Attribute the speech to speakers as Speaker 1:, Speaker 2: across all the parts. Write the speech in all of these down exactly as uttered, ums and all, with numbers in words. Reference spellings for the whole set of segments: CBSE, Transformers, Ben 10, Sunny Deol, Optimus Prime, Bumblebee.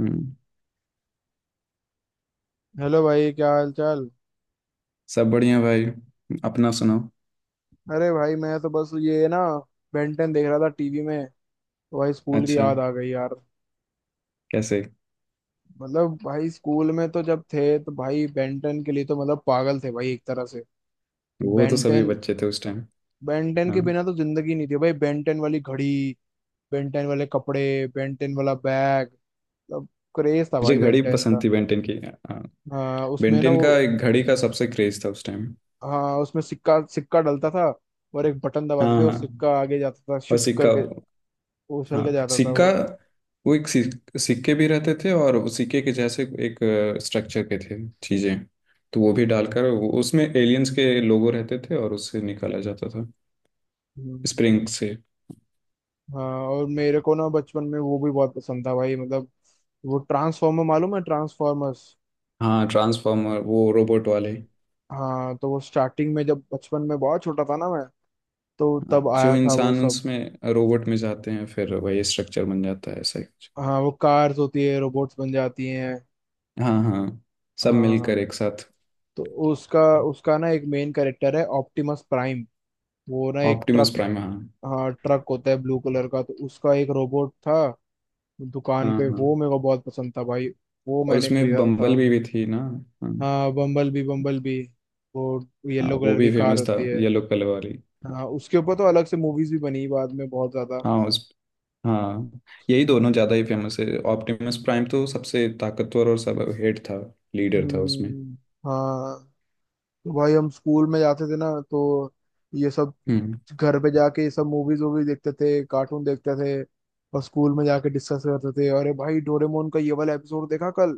Speaker 1: हम्म।
Speaker 2: Hello भाई, क्या हाल चाल।
Speaker 1: सब बढ़िया भाई। अपना सुनाओ।
Speaker 2: अरे भाई, मैं तो बस ये ना, बेंटन देख रहा था टीवी में। तो भाई स्कूल की
Speaker 1: अच्छा।
Speaker 2: याद आ गई यार।
Speaker 1: कैसे?
Speaker 2: मतलब भाई स्कूल में तो जब थे तो भाई बेंटन के लिए तो मतलब पागल थे भाई, एक तरह से कि
Speaker 1: वो तो सभी
Speaker 2: बेंटन,
Speaker 1: बच्चे थे उस टाइम।
Speaker 2: बेंटन के
Speaker 1: हाँ।
Speaker 2: बिना तो जिंदगी नहीं थी भाई। बेंटन वाली घड़ी, बेंटन वाले कपड़े, बेंटन वाला बैग। मतलब क्रेज था
Speaker 1: मुझे
Speaker 2: भाई
Speaker 1: घड़ी
Speaker 2: बेंटन
Speaker 1: पसंद
Speaker 2: का।
Speaker 1: थी बेंटेन की। हाँ।
Speaker 2: हाँ, उसमें ना
Speaker 1: बेंटेन
Speaker 2: वो,
Speaker 1: का एक घड़ी का सबसे क्रेज था उस टाइम।
Speaker 2: हाँ, उसमें सिक्का सिक्का डलता था। और एक बटन दबाते
Speaker 1: हाँ
Speaker 2: थे, वो
Speaker 1: हाँ।
Speaker 2: सिक्का आगे जाता था
Speaker 1: और
Speaker 2: शुक
Speaker 1: सिक्का।
Speaker 2: करके, उछल के
Speaker 1: हाँ
Speaker 2: जाता था
Speaker 1: सिक्का।
Speaker 2: वो।
Speaker 1: वो एक सिक- सिक्के भी रहते थे और वो सिक्के के जैसे एक स्ट्रक्चर के थे, चीजें। तो वो भी डालकर वो- उसमें एलियंस के लोगो रहते थे और उससे निकाला जाता था,
Speaker 2: हम्म।
Speaker 1: स्प्रिंग से।
Speaker 2: हाँ, और मेरे को ना बचपन में वो भी बहुत पसंद था भाई। मतलब वो ट्रांसफॉर्मर, मालूम है ट्रांसफॉर्मर्स।
Speaker 1: हाँ ट्रांसफॉर्मर, वो रोबोट वाले।
Speaker 2: हाँ, तो वो स्टार्टिंग में, जब बचपन में बहुत छोटा था ना मैं, तो
Speaker 1: हाँ,
Speaker 2: तब
Speaker 1: जो
Speaker 2: आया था वो
Speaker 1: इंसान
Speaker 2: सब।
Speaker 1: उसमें रोबोट में जाते हैं फिर वही स्ट्रक्चर बन जाता है, ऐसा ही कुछ।
Speaker 2: हाँ, वो कार्स होती है रोबोट्स बन जाती हैं।
Speaker 1: हाँ हाँ। सब मिलकर
Speaker 2: हाँ,
Speaker 1: एक साथ।
Speaker 2: तो उसका उसका ना एक मेन कैरेक्टर है ऑप्टिमस प्राइम। वो ना एक
Speaker 1: ऑप्टिमस
Speaker 2: ट्रक,
Speaker 1: प्राइम, हाँ।
Speaker 2: हाँ, ट्रक होता है ब्लू कलर का। तो उसका एक रोबोट था दुकान
Speaker 1: हाँ
Speaker 2: पे,
Speaker 1: हाँ।
Speaker 2: वो मेरे को बहुत पसंद था भाई। वो
Speaker 1: और
Speaker 2: मैंने
Speaker 1: उसमें
Speaker 2: खरीदा
Speaker 1: बम्बल
Speaker 2: था।
Speaker 1: भी, भी थी ना। हाँ।
Speaker 2: हाँ, बम्बल बी बम्बल बी, वो
Speaker 1: हाँ
Speaker 2: येलो
Speaker 1: वो
Speaker 2: कलर की
Speaker 1: भी
Speaker 2: कार
Speaker 1: फेमस था,
Speaker 2: होती है।
Speaker 1: येलो कलर वाली।
Speaker 2: हाँ, उसके ऊपर तो अलग से मूवीज भी बनी बाद में बहुत ज्यादा।
Speaker 1: हाँ उस। हाँ यही दोनों ज़्यादा ही फेमस है। ऑप्टिमस प्राइम तो सबसे ताकतवर और सब हेड था, लीडर था उसमें।
Speaker 2: हम्म, हाँ। तो भाई हम स्कूल में जाते थे ना, तो ये सब
Speaker 1: हम्म।
Speaker 2: घर पे जाके ये सब मूवीज वूवीज देखते थे, कार्टून देखते थे। और स्कूल में जाके डिस्कस करते थे, अरे भाई डोरेमोन का ये वाला एपिसोड देखा कल,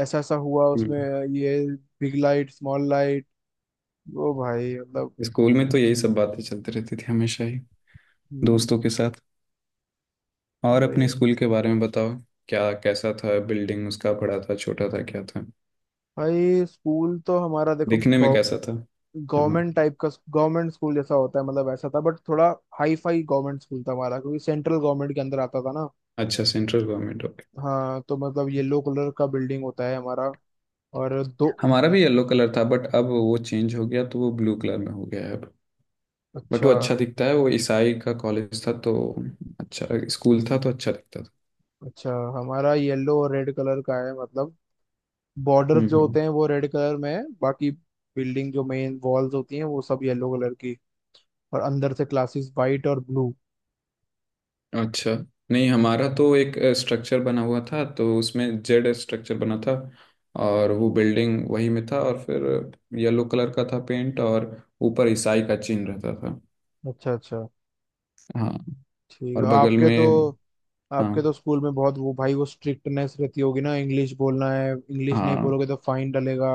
Speaker 2: ऐसा ऐसा हुआ
Speaker 1: हम्म।
Speaker 2: उसमें, ये बिग लाइट स्मॉल लाइट। वो भाई मतलब।
Speaker 1: स्कूल में तो यही सब बातें चलती रहती थी हमेशा ही,
Speaker 2: हम्म,
Speaker 1: दोस्तों के साथ। और
Speaker 2: वही
Speaker 1: अपने
Speaker 2: है।
Speaker 1: स्कूल के बारे में बताओ। क्या कैसा था? बिल्डिंग उसका बड़ा था, छोटा था, क्या था?
Speaker 2: भाई स्कूल तो हमारा देखो,
Speaker 1: दिखने में कैसा था? हाँ।
Speaker 2: गवर्नमेंट टाइप का, गवर्नमेंट स्कूल जैसा होता है मतलब ऐसा था। बट थोड़ा हाई फाई गवर्नमेंट स्कूल था हमारा, क्योंकि सेंट्रल गवर्नमेंट के अंदर आता था ना।
Speaker 1: अच्छा, सेंट्रल गवर्नमेंट, ओके।
Speaker 2: हाँ, तो मतलब येलो कलर का बिल्डिंग होता है हमारा। और दो,
Speaker 1: हमारा भी येलो कलर था बट अब वो चेंज हो गया तो वो ब्लू कलर में हो गया है अब। बट
Speaker 2: अच्छा
Speaker 1: वो अच्छा दिखता है। वो ईसाई का कॉलेज था तो। अच्छा। स्कूल था तो अच्छा दिखता था।
Speaker 2: अच्छा। हमारा येलो और रेड कलर का है। मतलब बॉर्डर्स
Speaker 1: हम्म
Speaker 2: जो
Speaker 1: हम्म।
Speaker 2: होते हैं वो रेड कलर में है, बाकी बिल्डिंग, जो मेन वॉल्स होती हैं, वो सब येलो कलर की। और अंदर से क्लासेस वाइट और ब्लू।
Speaker 1: अच्छा। नहीं, हमारा तो एक स्ट्रक्चर बना हुआ था तो उसमें जेड स्ट्रक्चर बना था। और वो बिल्डिंग वही में था। और फिर येलो कलर का था पेंट। और ऊपर ईसाई का चिन्ह रहता था।
Speaker 2: अच्छा अच्छा।
Speaker 1: हाँ।
Speaker 2: ठीक है,
Speaker 1: और बगल
Speaker 2: आपके तो,
Speaker 1: में। हाँ।
Speaker 2: आपके तो स्कूल में बहुत वो भाई, वो स्ट्रिक्टनेस रहती होगी ना, इंग्लिश बोलना है, इंग्लिश नहीं
Speaker 1: हाँ।
Speaker 2: बोलोगे तो फाइन डलेगा।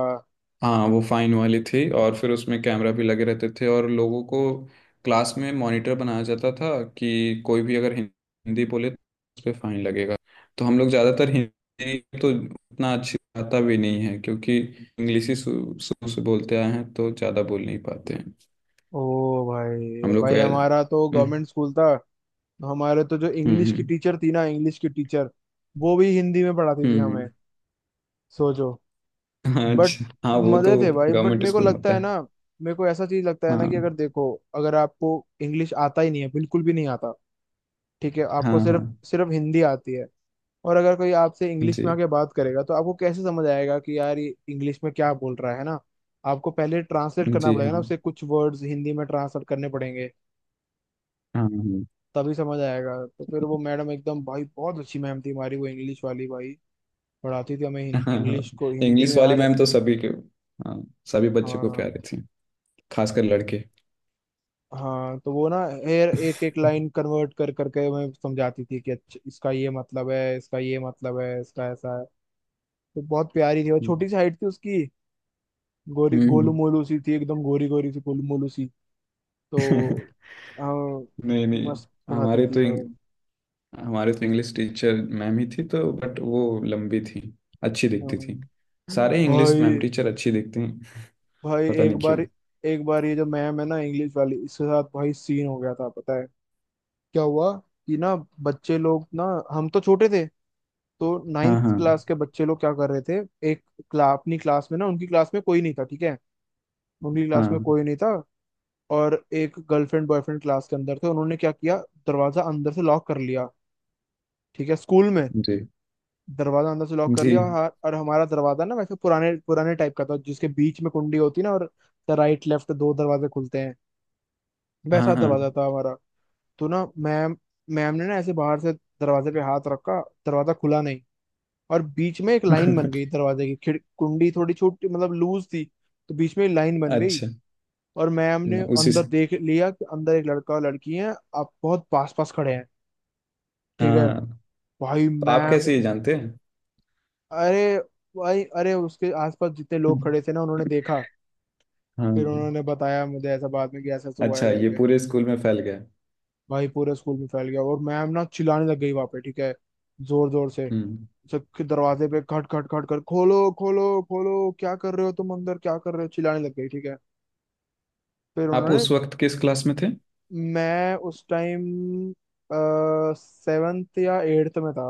Speaker 1: हाँ, वो फाइन वाली थी और फिर उसमें कैमरा भी लगे रहते थे और लोगों को क्लास में मॉनिटर बनाया जाता था कि कोई भी अगर हिं- हिंदी बोले तो उस पर फाइन लगेगा। तो हम लोग ज़्यादातर हिंदी तो उतना अच्छी आता भी नहीं है क्योंकि इंग्लिश ही शुरू शुरू से बोलते आए हैं तो ज़्यादा बोल नहीं पाते हैं।
Speaker 2: ओ भाई,
Speaker 1: हम लोग को
Speaker 2: भाई
Speaker 1: ऐ-
Speaker 2: हमारा तो
Speaker 1: हम्म।
Speaker 2: गवर्नमेंट स्कूल था। तो हमारे तो जो
Speaker 1: हम्म।
Speaker 2: इंग्लिश की
Speaker 1: हम्म।
Speaker 2: टीचर थी ना, इंग्लिश की टीचर, वो भी हिंदी में पढ़ाती थी
Speaker 1: हम्म,
Speaker 2: हमें।
Speaker 1: हम्म,
Speaker 2: सोचो।
Speaker 1: हाँ,
Speaker 2: बट
Speaker 1: अच्छा। हाँ वो
Speaker 2: मजे
Speaker 1: तो
Speaker 2: थे भाई। बट
Speaker 1: गवर्नमेंट
Speaker 2: मेरे को
Speaker 1: स्कूल में
Speaker 2: लगता
Speaker 1: होता
Speaker 2: है
Speaker 1: है।
Speaker 2: ना, मेरे को ऐसा चीज लगता है ना, कि
Speaker 1: हाँ
Speaker 2: अगर देखो, अगर आपको इंग्लिश आता ही नहीं है, बिल्कुल भी नहीं आता, ठीक है, आपको
Speaker 1: हाँ। हाँ।
Speaker 2: सिर्फ सिर्फ हिंदी आती है, और अगर कोई आपसे इंग्लिश में
Speaker 1: जी।
Speaker 2: आके बात करेगा, तो आपको कैसे समझ आएगा कि यार ये इंग्लिश में क्या बोल रहा है है ना। आपको पहले ट्रांसलेट करना
Speaker 1: जी
Speaker 2: पड़ेगा ना,
Speaker 1: हाँ।
Speaker 2: उसे कुछ वर्ड्स हिंदी में ट्रांसलेट करने पड़ेंगे,
Speaker 1: हाँ हाँ।
Speaker 2: तभी समझ आएगा। तो फिर वो मैडम एकदम, भाई बहुत अच्छी मैम थी हमारी, वो इंग्लिश वाली भाई। पढ़ाती थी हमें हिं-
Speaker 1: हाँ
Speaker 2: इंग्लिश को हिंदी
Speaker 1: इंग्लिश
Speaker 2: में
Speaker 1: वाली
Speaker 2: हर,
Speaker 1: मैम तो सभी के। हाँ। सभी बच्चों को
Speaker 2: हाँ
Speaker 1: प्यारी थी, खासकर लड़के।
Speaker 2: हाँ, तो वो ना हर एक एक लाइन कन्वर्ट कर करके हमें समझाती थी कि अच्छा इसका ये मतलब है, इसका ये मतलब है, इसका ऐसा है। तो बहुत प्यारी थी। और छोटी सी हाइट थी उसकी, गोरी गोलू
Speaker 1: हम्म।
Speaker 2: मोलू सी थी, एकदम गोरी गोरी सी, गोलू मोलू सी। तो हाँ,
Speaker 1: नहीं नहीं।
Speaker 2: मस्त पढ़ाती
Speaker 1: हमारे
Speaker 2: थी
Speaker 1: तो
Speaker 2: वो।
Speaker 1: इंग, हमारे तो इंग्लिश टीचर मैम ही थी तो, बट वो लंबी थी, अच्छी दिखती थी।
Speaker 2: हाँ।
Speaker 1: सारे इंग्लिश मैम
Speaker 2: भाई
Speaker 1: टीचर अच्छी दिखते हैं,
Speaker 2: भाई
Speaker 1: पता
Speaker 2: एक
Speaker 1: नहीं क्यों।
Speaker 2: बार, एक बार ये जो मैम है ना, इंग्लिश वाली, इसके साथ भाई सीन हो गया था, पता है क्या हुआ? कि ना, बच्चे लोग ना, हम तो छोटे थे, तो
Speaker 1: हाँ।
Speaker 2: नाइन्थ
Speaker 1: हाँ।
Speaker 2: क्लास के बच्चे लोग क्या कर रहे थे, एक क्ला, अपनी क्लास में ना, उनकी क्लास में कोई नहीं था, ठीक है, उनकी क्लास में
Speaker 1: हाँ।
Speaker 2: कोई नहीं था। और एक गर्लफ्रेंड बॉयफ्रेंड क्लास के अंदर थे। उन्होंने क्या किया, दरवाजा अंदर से लॉक कर लिया, ठीक है, स्कूल में
Speaker 1: जी।
Speaker 2: दरवाजा अंदर से लॉक कर
Speaker 1: जी।
Speaker 2: लिया। और, हा- और हमारा दरवाजा ना वैसे पुराने पुराने टाइप का था, जिसके बीच में कुंडी होती है ना, और राइट लेफ्ट दो दरवाजे खुलते हैं।
Speaker 1: हाँ
Speaker 2: वैसा दरवाजा
Speaker 1: हाँ।
Speaker 2: था हमारा। तो ना मैम, मैम ने ना ऐसे बाहर से दरवाजे पे हाथ रखा, दरवाजा खुला नहीं, और बीच में एक लाइन बन गई दरवाजे की, खिड़ कुंडी थोड़ी छोटी मतलब लूज थी, तो बीच में लाइन बन गई।
Speaker 1: अच्छा।
Speaker 2: और मैम ने
Speaker 1: उसी
Speaker 2: अंदर
Speaker 1: से।
Speaker 2: देख लिया कि अंदर एक लड़का और लड़की है, आप बहुत पास पास खड़े हैं,
Speaker 1: हाँ
Speaker 2: ठीक है।
Speaker 1: हाँ।
Speaker 2: भाई
Speaker 1: तो आप
Speaker 2: मैम,
Speaker 1: कैसे ये जानते हैं?
Speaker 2: अरे भाई अरे, उसके आसपास जितने लोग खड़े थे ना, उन्होंने देखा, फिर
Speaker 1: हाँ।
Speaker 2: उन्होंने बताया मुझे ऐसा बाद में कि ऐसा ऐसा हुआ है
Speaker 1: अच्छा, ये
Speaker 2: करके।
Speaker 1: पूरे स्कूल में फैल गया।
Speaker 2: भाई पूरे स्कूल में फैल गया। और मैम ना चिल्लाने लग गई वहां पे, ठीक है, जोर जोर से,
Speaker 1: हम्म।
Speaker 2: सबके दरवाजे पे खट खट खट कर, खोलो खोलो खोलो, क्या कर रहे हो तुम अंदर, क्या कर रहे हो, चिल्लाने लग गई, ठीक है। फिर
Speaker 1: आप
Speaker 2: उन्होंने,
Speaker 1: उस वक्त किस क्लास में थे?
Speaker 2: मैं उस टाइम सेवेंथ या एट्थ में था,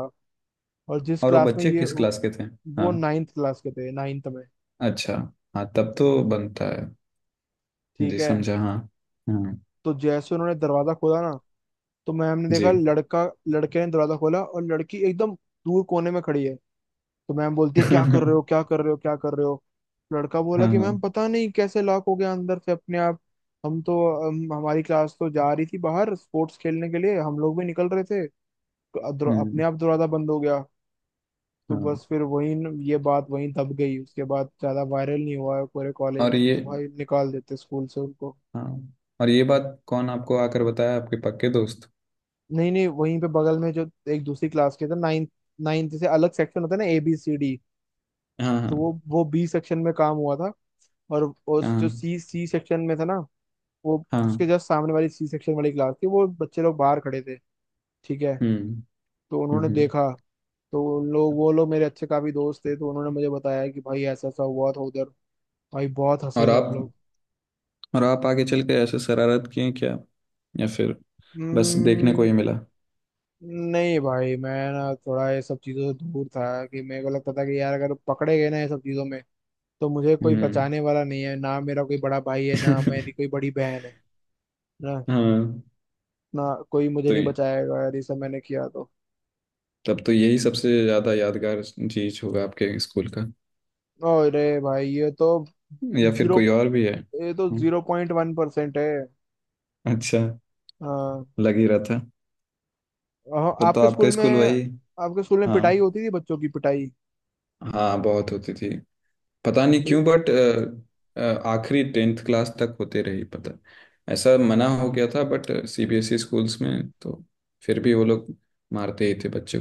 Speaker 2: और जिस
Speaker 1: और वो
Speaker 2: क्लास में
Speaker 1: बच्चे
Speaker 2: ये,
Speaker 1: किस क्लास के थे?
Speaker 2: वो
Speaker 1: हाँ।
Speaker 2: नाइन्थ क्लास के थे, नाइन्थ में,
Speaker 1: अच्छा। हाँ तब तो बनता है।
Speaker 2: ठीक
Speaker 1: जी,
Speaker 2: है।
Speaker 1: समझा। हाँ। हाँ।
Speaker 2: तो जैसे उन्होंने दरवाजा खोला ना, तो मैम ने देखा
Speaker 1: जी।
Speaker 2: लड़का, लड़के ने दरवाजा खोला, और लड़की एकदम दूर कोने में खड़ी है। तो मैम बोलती है, क्या कर रहे
Speaker 1: हाँ।
Speaker 2: हो, क्या कर रहे हो, क्या कर रहे हो। लड़का बोला कि मैम
Speaker 1: हाँ।
Speaker 2: पता नहीं कैसे लॉक हो गया अंदर से अपने आप, हम तो, हम, हमारी क्लास तो जा रही थी बाहर स्पोर्ट्स खेलने के लिए, हम लोग भी निकल रहे थे, तो अ- दर- अपने
Speaker 1: हम्म।
Speaker 2: आप दरवाजा बंद हो गया। तो
Speaker 1: हाँ।
Speaker 2: बस फिर वही न- ये बात वहीं दब गई, उसके बाद ज्यादा वायरल नहीं हुआ है पूरे कॉलेज
Speaker 1: और
Speaker 2: में, नहीं
Speaker 1: ये।
Speaker 2: तो भाई निकाल देते स्कूल से उनको।
Speaker 1: हाँ। और ये बात कौन आपको आकर बताया? आपके पक्के दोस्त?
Speaker 2: नहीं नहीं, वहीं पे बगल में जो एक दूसरी क्लास के थे, नाइन्थ, नाइन्थ से अलग सेक्शन होता है ना, ए बी सी डी।
Speaker 1: हाँ। हाँ
Speaker 2: तो वो वो बी सेक्शन में काम हुआ था। और उस
Speaker 1: हाँ।
Speaker 2: जो सी सी सेक्शन में था ना, वो उसके
Speaker 1: हाँ।
Speaker 2: जस्ट सामने वाली सी सेक्शन वाली क्लास थी, वो बच्चे लोग बाहर खड़े थे, ठीक है,
Speaker 1: हम्म।
Speaker 2: तो
Speaker 1: हम्म।
Speaker 2: उन्होंने
Speaker 1: हम्म।
Speaker 2: देखा। तो उन लोग, वो लोग मेरे अच्छे काफी दोस्त थे, तो उन्होंने मुझे बताया कि भाई ऐसा ऐसा हुआ था उधर। भाई बहुत हंसे
Speaker 1: और
Speaker 2: थे हम
Speaker 1: आप।
Speaker 2: लोग।
Speaker 1: और आप आगे चल के ऐसे शरारत किए क्या? या फिर बस देखने को
Speaker 2: हम्म।
Speaker 1: ही मिला?
Speaker 2: नहीं भाई, मैं ना थोड़ा ये सब चीजों से दूर था, कि मेरे को लगता था कि यार अगर पकड़े गए ना ये सब चीजों में, तो मुझे कोई
Speaker 1: हम्म।
Speaker 2: बचाने वाला नहीं है। ना मेरा कोई बड़ा भाई है, ना मेरी कोई बड़ी बहन है, ना,
Speaker 1: हाँ,
Speaker 2: ना। कोई मुझे
Speaker 1: तो
Speaker 2: नहीं बचाएगा यार, ये सब मैंने किया तो।
Speaker 1: तब तो यही सबसे ज्यादा यादगार चीज होगा आपके स्कूल का?
Speaker 2: अरे भाई, ये तो
Speaker 1: या फिर
Speaker 2: जीरो
Speaker 1: कोई और भी है?
Speaker 2: ये तो
Speaker 1: हम्म,
Speaker 2: जीरो पॉइंट वन परसेंट है।
Speaker 1: अच्छा।
Speaker 2: हाँ।
Speaker 1: लग ही रहा था।
Speaker 2: अह,
Speaker 1: तब तो
Speaker 2: आपके स्कूल
Speaker 1: आपका
Speaker 2: में,
Speaker 1: स्कूल वही।
Speaker 2: आपके स्कूल में
Speaker 1: हाँ।
Speaker 2: पिटाई होती थी, बच्चों की पिटाई,
Speaker 1: हाँ बहुत होती थी, पता नहीं
Speaker 2: कोई-
Speaker 1: क्यों, बट आखिरी टेंथ क्लास तक होते रही। पता, ऐसा मना हो गया था बट सीबीएसई स्कूल्स में तो फिर भी वो लोग मारते ही थे बच्चे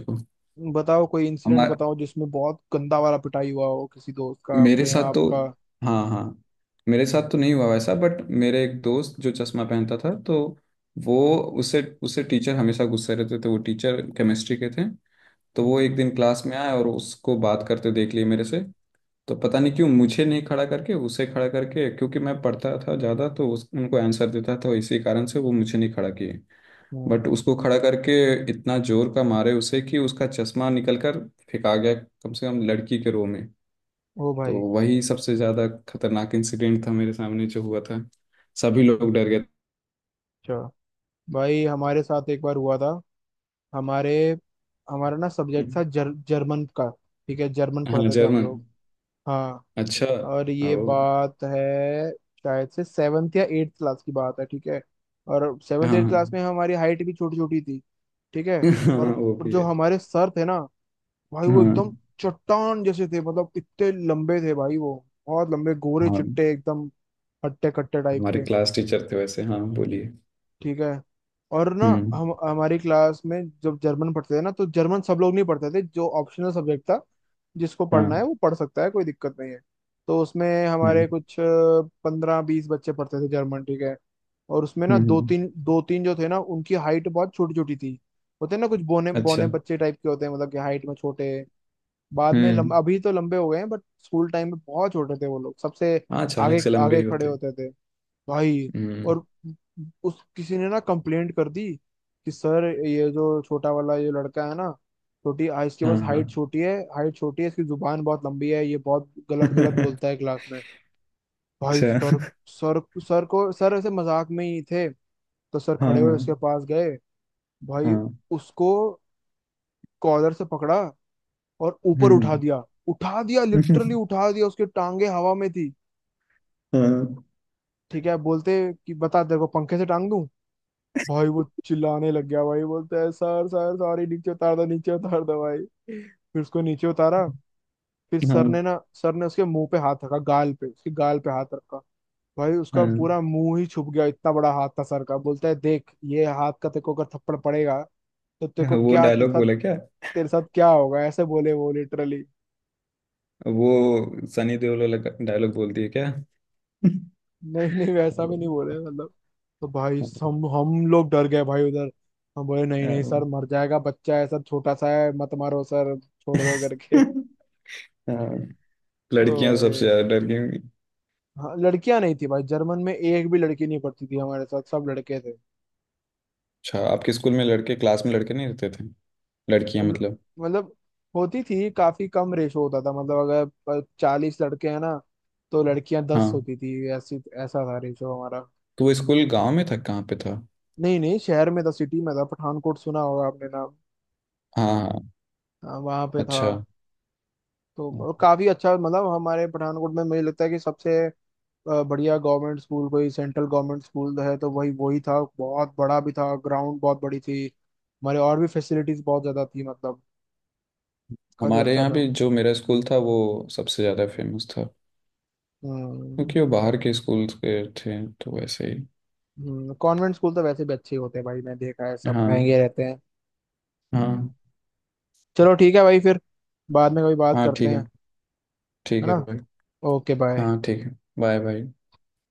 Speaker 2: बताओ कोई इंसिडेंट
Speaker 1: को।
Speaker 2: बताओ जिसमें बहुत गंदा वाला पिटाई हुआ हो किसी दोस्त का आपके
Speaker 1: मेरे
Speaker 2: यहाँ
Speaker 1: साथ तो।
Speaker 2: आपका।
Speaker 1: हाँ हाँ। मेरे साथ तो नहीं हुआ वैसा, बट मेरे एक दोस्त जो चश्मा पहनता था, तो वो, उसे उसे टीचर हमेशा गुस्से रहते थे। वो टीचर केमिस्ट्री के थे। तो वो
Speaker 2: हम्म
Speaker 1: एक दिन क्लास में आए और उसको बात करते देख लिए मेरे से। तो पता नहीं क्यों मुझे नहीं खड़ा करके उसे खड़ा करके, क्योंकि मैं पढ़ता था ज़्यादा तो उस, उनको आंसर देता था इसी कारण से वो मुझे नहीं खड़ा किए
Speaker 2: हम्म।
Speaker 1: बट उसको खड़ा करके इतना जोर का मारे उसे कि उसका चश्मा निकल कर फेंका गया कम से कम लड़की के रो में।
Speaker 2: ओ
Speaker 1: तो
Speaker 2: भाई,
Speaker 1: वही सबसे ज्यादा खतरनाक इंसिडेंट था मेरे सामने जो हुआ था। सभी लोग डर गए
Speaker 2: अच्छा। भाई हमारे साथ एक बार हुआ था, हमारे, हमारा ना
Speaker 1: थे।
Speaker 2: सब्जेक्ट था जर, जर्मन का, ठीक है, जर्मन
Speaker 1: हाँ,
Speaker 2: पढ़ते थे हम
Speaker 1: जर्मन।
Speaker 2: लोग। हाँ।
Speaker 1: अच्छा।
Speaker 2: और ये
Speaker 1: ओ।
Speaker 2: बात है शायद से सेवन्थ या एट्थ क्लास की बात है, ठीक है। और
Speaker 1: हाँ।
Speaker 2: सेवन्थ एट्थ क्लास
Speaker 1: हाँ।
Speaker 2: में हमारी हाइट भी छोटी छोटी थी, ठीक है।
Speaker 1: हाँ,
Speaker 2: और
Speaker 1: वो
Speaker 2: और
Speaker 1: भी
Speaker 2: जो
Speaker 1: है।
Speaker 2: हमारे सर थे ना, भाई वो
Speaker 1: हाँ।
Speaker 2: एकदम चट्टान जैसे थे, मतलब इतने लंबे थे भाई वो, बहुत लंबे, गोरे
Speaker 1: हाँ
Speaker 2: चिट्टे एकदम, हट्टे कट्टे टाइप
Speaker 1: हमारे
Speaker 2: के,
Speaker 1: क्लास टीचर थे वैसे। हाँ बोलिए।
Speaker 2: ठीक है। और ना,
Speaker 1: हम्म।
Speaker 2: हम हमारी क्लास में जब जर्मन पढ़ते थे ना, तो जर्मन सब लोग नहीं पढ़ते थे, जो ऑप्शनल सब्जेक्ट था, जिसको पढ़ना
Speaker 1: हाँ।
Speaker 2: है वो पढ़ सकता है, कोई दिक्कत नहीं है। तो उसमें हमारे
Speaker 1: हम्म।
Speaker 2: कुछ पंद्रह बीस बच्चे पढ़ते थे जर्मन, ठीक है। और उसमें ना
Speaker 1: हम्म।
Speaker 2: दो
Speaker 1: हम्म,
Speaker 2: तीन दो तीन जो थे ना, उनकी हाइट बहुत छोटी छोटी थी। होते हैं ना कुछ बौने बौने
Speaker 1: अच्छा।
Speaker 2: बच्चे टाइप के, होते हैं मतलब कि हाइट में छोटे, बाद में लंब,
Speaker 1: हम्म।
Speaker 2: अभी तो लंबे हो गए हैं, बट स्कूल टाइम में बहुत छोटे थे वो लोग। सबसे
Speaker 1: हाँ, अचानक
Speaker 2: आगे
Speaker 1: से लंबे
Speaker 2: आगे
Speaker 1: ही
Speaker 2: खड़े
Speaker 1: होते हैं।
Speaker 2: होते थे भाई।
Speaker 1: हम्म।
Speaker 2: और उस किसी ने ना कंप्लेंट कर दी कि सर ये जो छोटा वाला ये लड़का है ना, छोटी आ, इसके
Speaker 1: हाँ।
Speaker 2: बस
Speaker 1: हाँ।
Speaker 2: हाइट छोटी है, हाइट छोटी है, इसकी जुबान बहुत लंबी है, ये बहुत गलत गलत बोलता है क्लास में। भाई सर,
Speaker 1: अच्छा।
Speaker 2: सर सर को, सर ऐसे मजाक में ही थे, तो सर खड़े हुए उसके
Speaker 1: हाँ।
Speaker 2: पास गए, भाई
Speaker 1: हाँ।
Speaker 2: उसको कॉलर से पकड़ा और ऊपर उठा
Speaker 1: हम्म।
Speaker 2: दिया, उठा दिया लिटरली, उठा दिया, उसके टांगे हवा में थी,
Speaker 1: हाँ।
Speaker 2: ठीक है। बोलते कि बता तेरे को पंखे से टांग दूं। भाई वो चिल्लाने लग गया, भाई बोलता है सर सर सॉरी नीचे उतार दो, नीचे उतार दो भाई। फिर उसको नीचे उतारा। फिर
Speaker 1: हाँ।
Speaker 2: सर ने ना, सर ने उसके मुंह पे हाथ रखा, गाल पे, उसके गाल पे हाथ रखा। भाई उसका
Speaker 1: हाँ।
Speaker 2: पूरा मुंह ही छुप गया, इतना बड़ा हाथ था सर का। बोलता है, देख ये हाथ का तेरे को अगर थप्पड़ पड़ेगा तो तेरे
Speaker 1: हाँ,
Speaker 2: को
Speaker 1: वो
Speaker 2: क्या, तेरे
Speaker 1: डायलॉग
Speaker 2: साथ,
Speaker 1: बोला क्या?
Speaker 2: तेरे साथ क्या होगा, ऐसे बोले वो, लिटरली।
Speaker 1: वो सनी देओल वाला डायलॉग बोलती है क्या?
Speaker 2: नहीं नहीं, वैसा भी
Speaker 1: हेलो।
Speaker 2: नहीं बोले मतलब। तो भाई हम हम लोग डर गए भाई उधर। हम बोले नहीं नहीं सर
Speaker 1: हाँ।
Speaker 2: मर जाएगा, बच्चा है सर, छोटा सा है, मत मारो सर, छोड़ दो करके।
Speaker 1: हाँ,
Speaker 2: ओ
Speaker 1: लड़कियां सबसे
Speaker 2: भाई।
Speaker 1: ज्यादा डरती हैं।
Speaker 2: हाँ लड़कियां नहीं थी भाई, जर्मन में एक भी लड़की नहीं पढ़ती थी हमारे साथ, सब लड़के थे।
Speaker 1: अच्छा आपके स्कूल में लड़के, क्लास में लड़के नहीं रहते थे? लड़कियां
Speaker 2: ल-
Speaker 1: मतलब।
Speaker 2: मतलब, होती थी काफी कम, रेशो होता था। मतलब अगर चालीस लड़के हैं ना, तो लड़कियां दस
Speaker 1: हाँ,
Speaker 2: होती थी, ऐसी, ऐसा था रेशो हमारा।
Speaker 1: तो वो स्कूल गांव में था? कहाँ पे था?
Speaker 2: नहीं नहीं, शहर में था, सिटी में था, पठानकोट, सुना होगा आपने नाम।
Speaker 1: हाँ हाँ।
Speaker 2: हाँ, वहाँ पे था।
Speaker 1: अच्छा।
Speaker 2: तो काफी अच्छा, मतलब हमारे पठानकोट में मुझे लगता है कि सबसे अ, बढ़िया गवर्नमेंट स्कूल कोई सेंट्रल गवर्नमेंट स्कूल है तो वही, वही था, बहुत बड़ा भी था, ग्राउंड बहुत बड़ी थी हमारे, और भी फैसिलिटीज बहुत ज्यादा थी मतलब, काफी
Speaker 1: हमारे
Speaker 2: अच्छा
Speaker 1: यहाँ
Speaker 2: था।
Speaker 1: भी जो मेरा स्कूल था वो सबसे ज़्यादा फेमस था
Speaker 2: हम्म।
Speaker 1: क्योंकि वो बाहर के स्कूल के थे तो वैसे ही।
Speaker 2: कॉन्वेंट स्कूल तो वैसे भी अच्छे होते हैं भाई, मैं देखा है, सब
Speaker 1: हाँ।
Speaker 2: महंगे रहते हैं। हम्म।
Speaker 1: हाँ।
Speaker 2: चलो ठीक है भाई, फिर बाद में कभी बात
Speaker 1: हाँ
Speaker 2: करते
Speaker 1: ठीक है।
Speaker 2: हैं, है
Speaker 1: ठीक है
Speaker 2: ना।
Speaker 1: भाई।
Speaker 2: Okay bye.
Speaker 1: हाँ ठीक है, बाय बाय।